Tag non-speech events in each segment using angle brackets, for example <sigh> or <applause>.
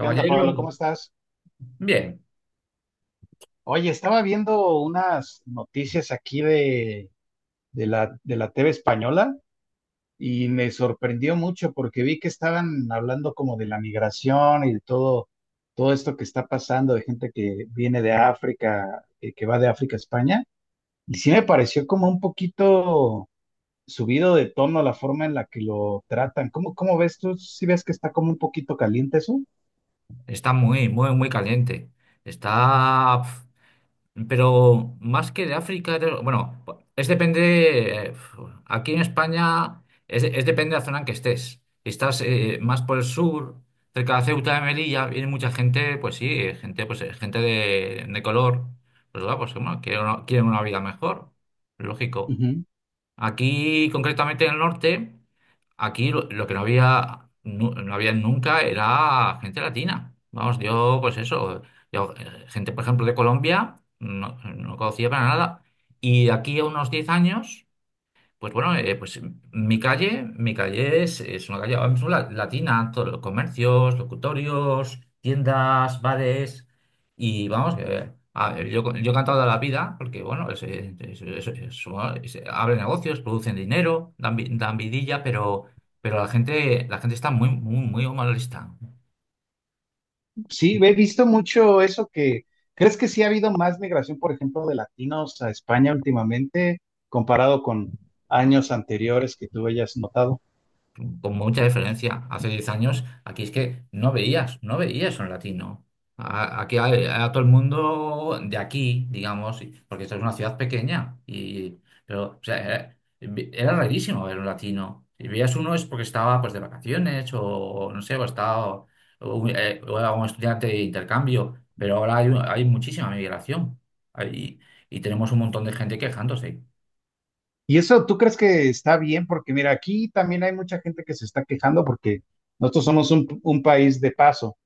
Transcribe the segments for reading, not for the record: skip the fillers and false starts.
¿Qué onda, Pablo? ¿Cómo estás? bien, Oye, estaba viendo unas noticias aquí de la TV española y me sorprendió mucho porque vi que estaban hablando como de la migración y de todo esto que está pasando, de gente que viene de África, que va de África a España. Y sí me pareció como un poquito subido de tono la forma en la que lo tratan. ¿Cómo ves tú? ¿Sí ves que está como un poquito caliente eso? está muy, muy, muy caliente. Está, pero más que de África, bueno, es depende, aquí en España es depende de la zona en que estés. Si estás más por el sur, cerca de Ceuta de Melilla, viene mucha gente, pues sí, gente, gente de color, pues, va, pues bueno, quieren quieren una vida mejor, lógico. Ujú. Aquí, concretamente en el norte, lo que no había, había nunca era gente latina. Vamos, yo, pues eso, gente, por ejemplo, de Colombia, no conocía para nada. Y de aquí a unos 10 años. Pues bueno, pues mi calle es una calle ahora mismo latina, todos los comercios, locutorios, tiendas, bares, y vamos, que, a ver, yo he cantado toda la vida, porque bueno, bueno, abren negocios, producen dinero, dan, dan vidilla, pero la gente está muy, muy, muy malista. Sí, he visto mucho eso que, ¿crees que sí ha habido más migración, por ejemplo, de latinos a España últimamente, comparado con años anteriores que tú hayas notado? Con mucha diferencia. Hace 10 años aquí es que no veías, no veías un latino. Aquí a todo el mundo de aquí, digamos, porque esto es una ciudad pequeña, y, pero o sea, era rarísimo ver un latino. Si veías uno es porque estaba pues de vacaciones o no sé, o estaba o era un estudiante de intercambio, pero ahora hay muchísima migración. Hay- y tenemos un montón de gente quejándose. Y eso, ¿tú crees que está bien? Porque mira, aquí también hay mucha gente que se está quejando porque nosotros somos un país de paso.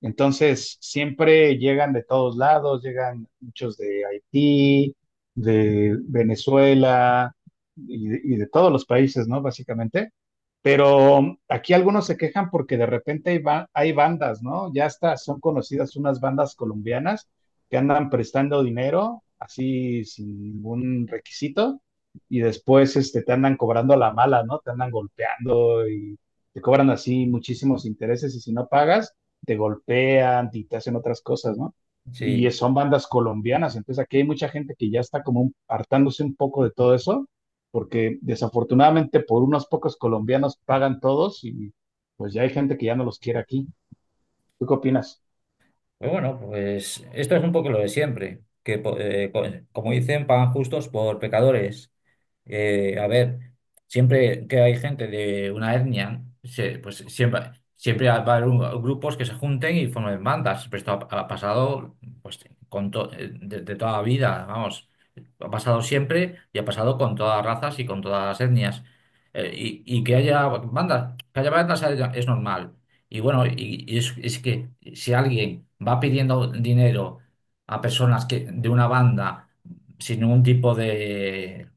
Entonces, siempre llegan de todos lados, llegan muchos de Haití, de Venezuela y de todos los países, ¿no? Básicamente. Pero aquí algunos se quejan porque de repente hay, hay bandas, ¿no? Ya hasta son conocidas unas bandas colombianas que andan prestando dinero así sin ningún requisito y después este, te andan cobrando a la mala, ¿no? Te andan golpeando y te cobran así muchísimos intereses y si no pagas te golpean y te hacen otras cosas, ¿no? Y Sí. son bandas colombianas, entonces aquí hay mucha gente que ya está como hartándose un poco de todo eso, porque desafortunadamente por unos pocos colombianos pagan todos y pues ya hay gente que ya no los quiere aquí. ¿Tú qué opinas? Pues bueno, pues esto es un poco lo de siempre, como dicen, pagan justos por pecadores. A ver, siempre que hay gente de una etnia, pues siempre, siempre va a haber grupos que se junten y formen bandas. Pero esto ha pasado pues, de toda la vida, vamos. Ha pasado siempre y ha pasado con todas las razas y con todas las etnias. Y que haya bandas es normal. Y es que si alguien va pidiendo dinero a personas que, de una banda sin ningún tipo de,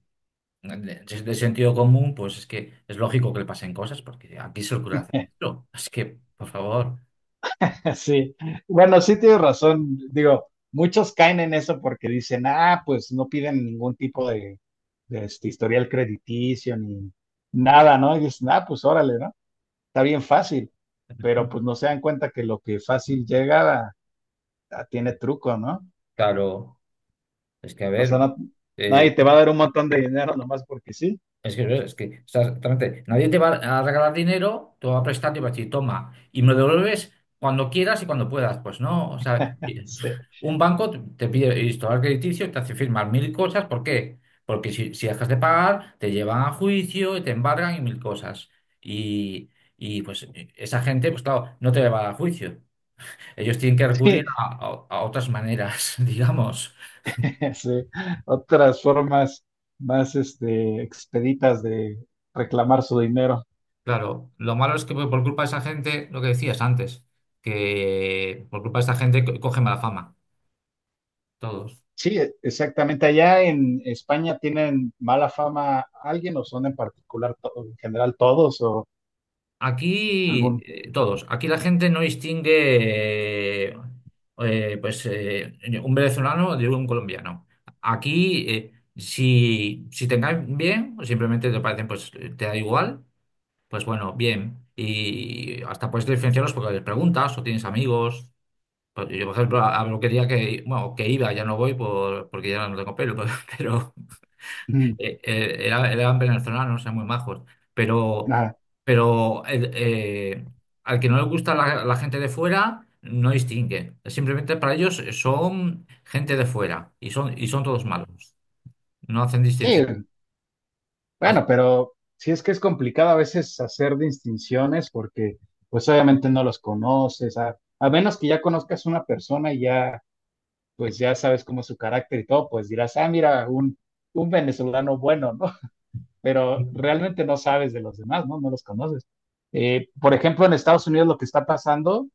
de sentido común, pues es que es lógico que le pasen cosas, porque aquí se ocurre hacer <laughs> esto. Es que, por favor, Sí, bueno, sí tienes razón. Digo, muchos caen en eso porque dicen, ah, pues no piden ningún tipo de, este, historial crediticio ni nada, ¿no? Y dicen, ah, pues órale, ¿no? Está bien fácil, pero pues no se dan cuenta que lo que fácil tiene truco, ¿no? claro, es que a O ver, sea, nadie te va a dar un montón de dinero nomás porque sí. es que, es que exactamente, nadie te va a regalar dinero, te va a prestar, y va a decir, toma, y me lo devuelves cuando quieras y cuando puedas. Pues no, o sea, Sí, un banco te pide historial crediticio, te hace firmar mil cosas, ¿por qué? Porque si dejas de pagar, te llevan a juicio y te embargan y mil cosas. Y, y pues esa gente, pues claro, no te va a dar juicio. Ellos tienen que recurrir sí, a otras maneras, <laughs> digamos. <laughs> sí. Otras formas más este, expeditas de reclamar su dinero. Claro, lo malo es que por culpa de esa gente, lo que decías antes, que por culpa de esa gente coge mala fama, todos. Sí, exactamente. Allá en España tienen mala fama alguien o son en particular, en general todos o Aquí, algún... todos, aquí la gente no distingue eh, pues, eh, un venezolano de un colombiano. Aquí, si, si te caen bien, o simplemente te parecen, te da igual, pues bueno, bien. Y hasta puedes diferenciarlos porque les preguntas o tienes amigos. Pues yo, por ejemplo, a peluquería que, bueno, que iba, ya no voy por, porque ya no tengo pelo, <laughs> pero, <clears throat> eran venezolanos, eran muy majos. Pero, Ajá. pero al que no le gusta la gente de fuera, no distingue. Simplemente para ellos son gente de fuera y son todos malos. No hacen Sí, distinción. As- bueno, pero sí es que es complicado a veces hacer distinciones porque pues obviamente no los conoces, a menos que ya conozcas una persona y ya pues ya sabes cómo es su carácter y todo, pues dirás, ah, mira, un venezolano bueno, ¿no? <laughs> Pero realmente no sabes de los demás, ¿no? No los conoces. Por ejemplo, en Estados Unidos lo que está pasando,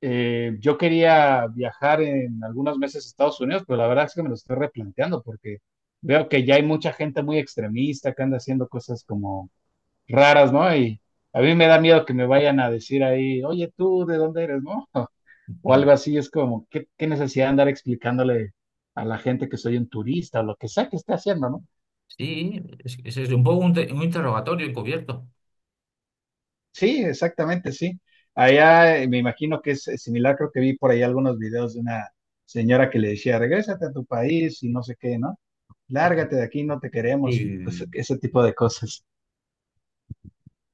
yo quería viajar en algunos meses a Estados Unidos, pero la verdad es que me lo estoy replanteando porque veo que ya hay mucha gente muy extremista que anda haciendo cosas como raras, ¿no? Y a mí me da miedo que me vayan a decir ahí, oye, tú, ¿de dónde eres, no? <laughs> O Mm. algo así, es como, ¿qué necesidad de andar explicándole a la gente que soy un turista o lo que sea que esté haciendo, ¿no? Sí, es un poco un interrogatorio encubierto. Sí, exactamente, sí. Allá me imagino que es similar, creo que vi por ahí algunos videos de una señora que le decía, regrésate a tu país y no sé qué, ¿no? Lárgate de aquí, no te queremos, y Y, ese tipo de cosas.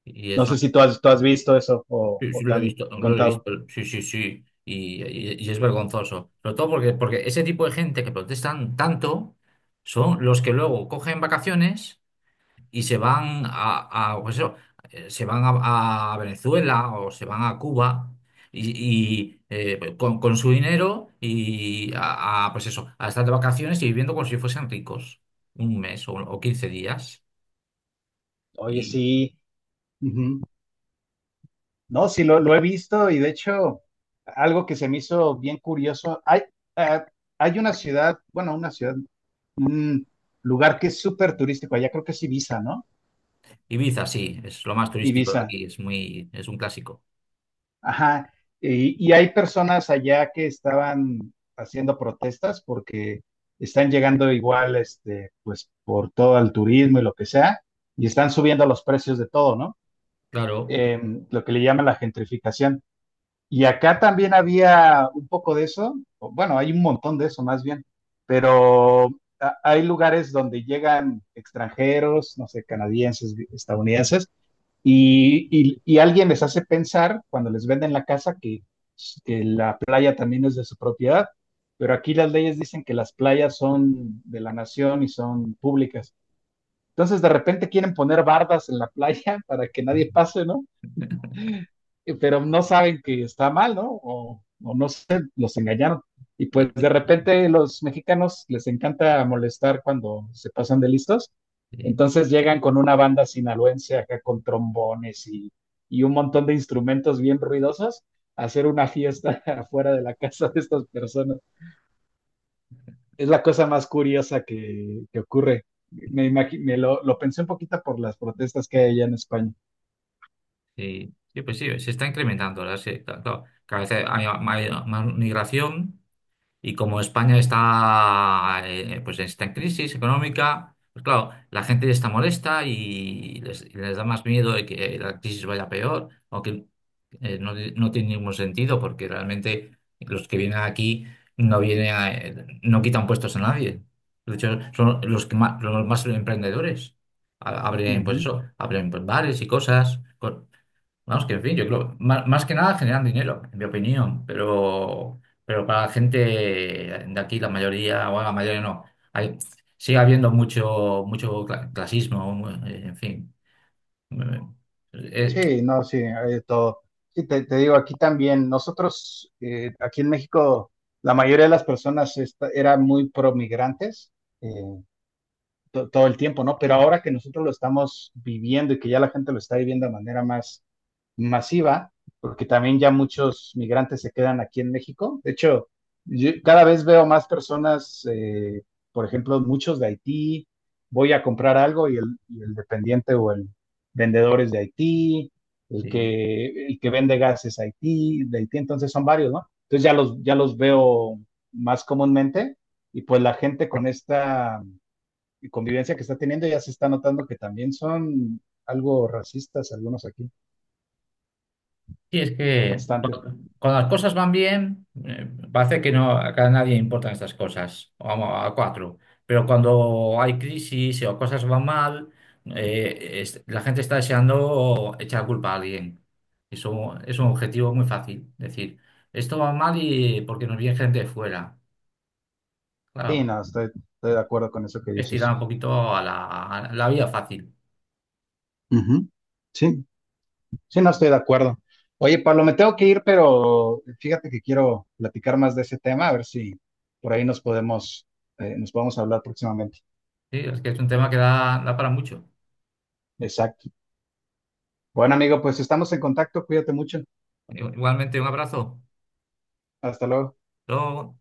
y No es sé si tú has visto eso Sí, sí, o te han lo he contado. visto, sí, sí, sí, y es vergonzoso. Sobre todo porque, porque ese tipo de gente que protestan tanto son los que luego cogen vacaciones y se van a, pues eso, se van a Venezuela o se van a Cuba y, pues con su dinero y a, pues eso, a estar de vacaciones y viviendo como si fuesen ricos un mes o 15 días. Oye, Y sí. No, sí, lo he visto y de hecho, algo que se me hizo bien curioso, hay, eh, hay una ciudad, bueno, una ciudad, un lugar que es súper turístico, allá creo que es Ibiza, ¿no? Ibiza, sí, es lo más turístico de Ibiza, aquí, es muy, es un clásico. ajá. Y hay personas allá que estaban haciendo protestas porque están llegando igual, este, pues por todo el turismo y lo que sea, y están subiendo los precios de todo, ¿no? Claro. Em, lo que le llaman la gentrificación. Y acá también había un poco de eso, o bueno, hay un montón de eso más bien, pero hay lugares donde llegan extranjeros, no sé, canadienses, estadounidenses, y alguien les hace pensar cuando les venden la casa que la playa también es de su propiedad, pero aquí las leyes dicen que las playas son de la nación y son públicas. Entonces de repente quieren poner bardas en la <laughs> playa para que nadie pase, ¿no? Eh, pero no saben que está mal, ¿no? O no sé, los engañaron. Y pues de repente los mexicanos les encanta molestar cuando se pasan de listos. Sí, Entonces llegan con una banda sinaloense acá con trombones y un montón de instrumentos bien ruidosos a hacer una fiesta <laughs> afuera de la casa de estas personas. Es la cosa más curiosa que ocurre. Me, imagi- me lo pensé un poquito por las protestas que hay allá en España. sí, sí, pues sí, se está incrementando, ¿verdad? Sí, claro, claro. Cada vez hay más migración. Y como España está, pues está en crisis económica, pues claro, la gente está molesta y y les da más miedo de que la crisis vaya peor, aunque no tiene ningún sentido porque realmente los que vienen aquí no vienen no quitan puestos a nadie. De hecho, son los que más, los más emprendedores. Abren, pues Ujú. eso, abren pues, bares y cosas. Vamos, que en fin, yo creo, más que nada generan dinero, en mi opinión, pero para la gente de aquí, la mayoría, o la mayoría no, hay, sigue habiendo mucho, mucho clasismo, en fin. Eh, Sí, no, sí, hay de todo. Sí, te digo, aquí también, nosotros, aquí en México, la mayoría de las personas eran muy promigrantes, todo el tiempo, ¿no? Pero ahora que nosotros lo estamos viviendo y que ya la gente lo está viviendo de manera más masiva, porque también ya muchos migrantes se quedan aquí en México. De hecho, yo cada vez veo más personas, por ejemplo, muchos de Haití, voy a comprar algo y el dependiente o el vendedor es de Haití, eh, el que vende gas es Haití, de Haití, entonces son varios, ¿no? Entonces ya ya los veo más comúnmente y pues la gente con esta convivencia que está teniendo, ya se está notando que también son algo racistas algunos aquí, Sí, es que bastante. cuando las cosas van bien, parece que no, que a nadie importan estas cosas, vamos, a cuatro. Pero cuando hay crisis o cosas van mal, la gente está deseando echar culpa a alguien. Eso es un objetivo muy fácil. Decir, esto va mal y porque nos viene gente de fuera. Sí, Claro, no, estoy de acuerdo con eso que es dices. tirar un poquito a a la vía fácil. Ujú. Sí, sí, no estoy de acuerdo. Oye, Pablo, me tengo que ir, pero fíjate que quiero platicar más de ese tema, a ver si por ahí nos podemos hablar próximamente. Sí, es que es un tema que da, da para mucho. Exacto. Bueno, amigo, pues estamos en contacto, cuídate mucho. Igualmente, un abrazo. Hasta luego. Hasta luego.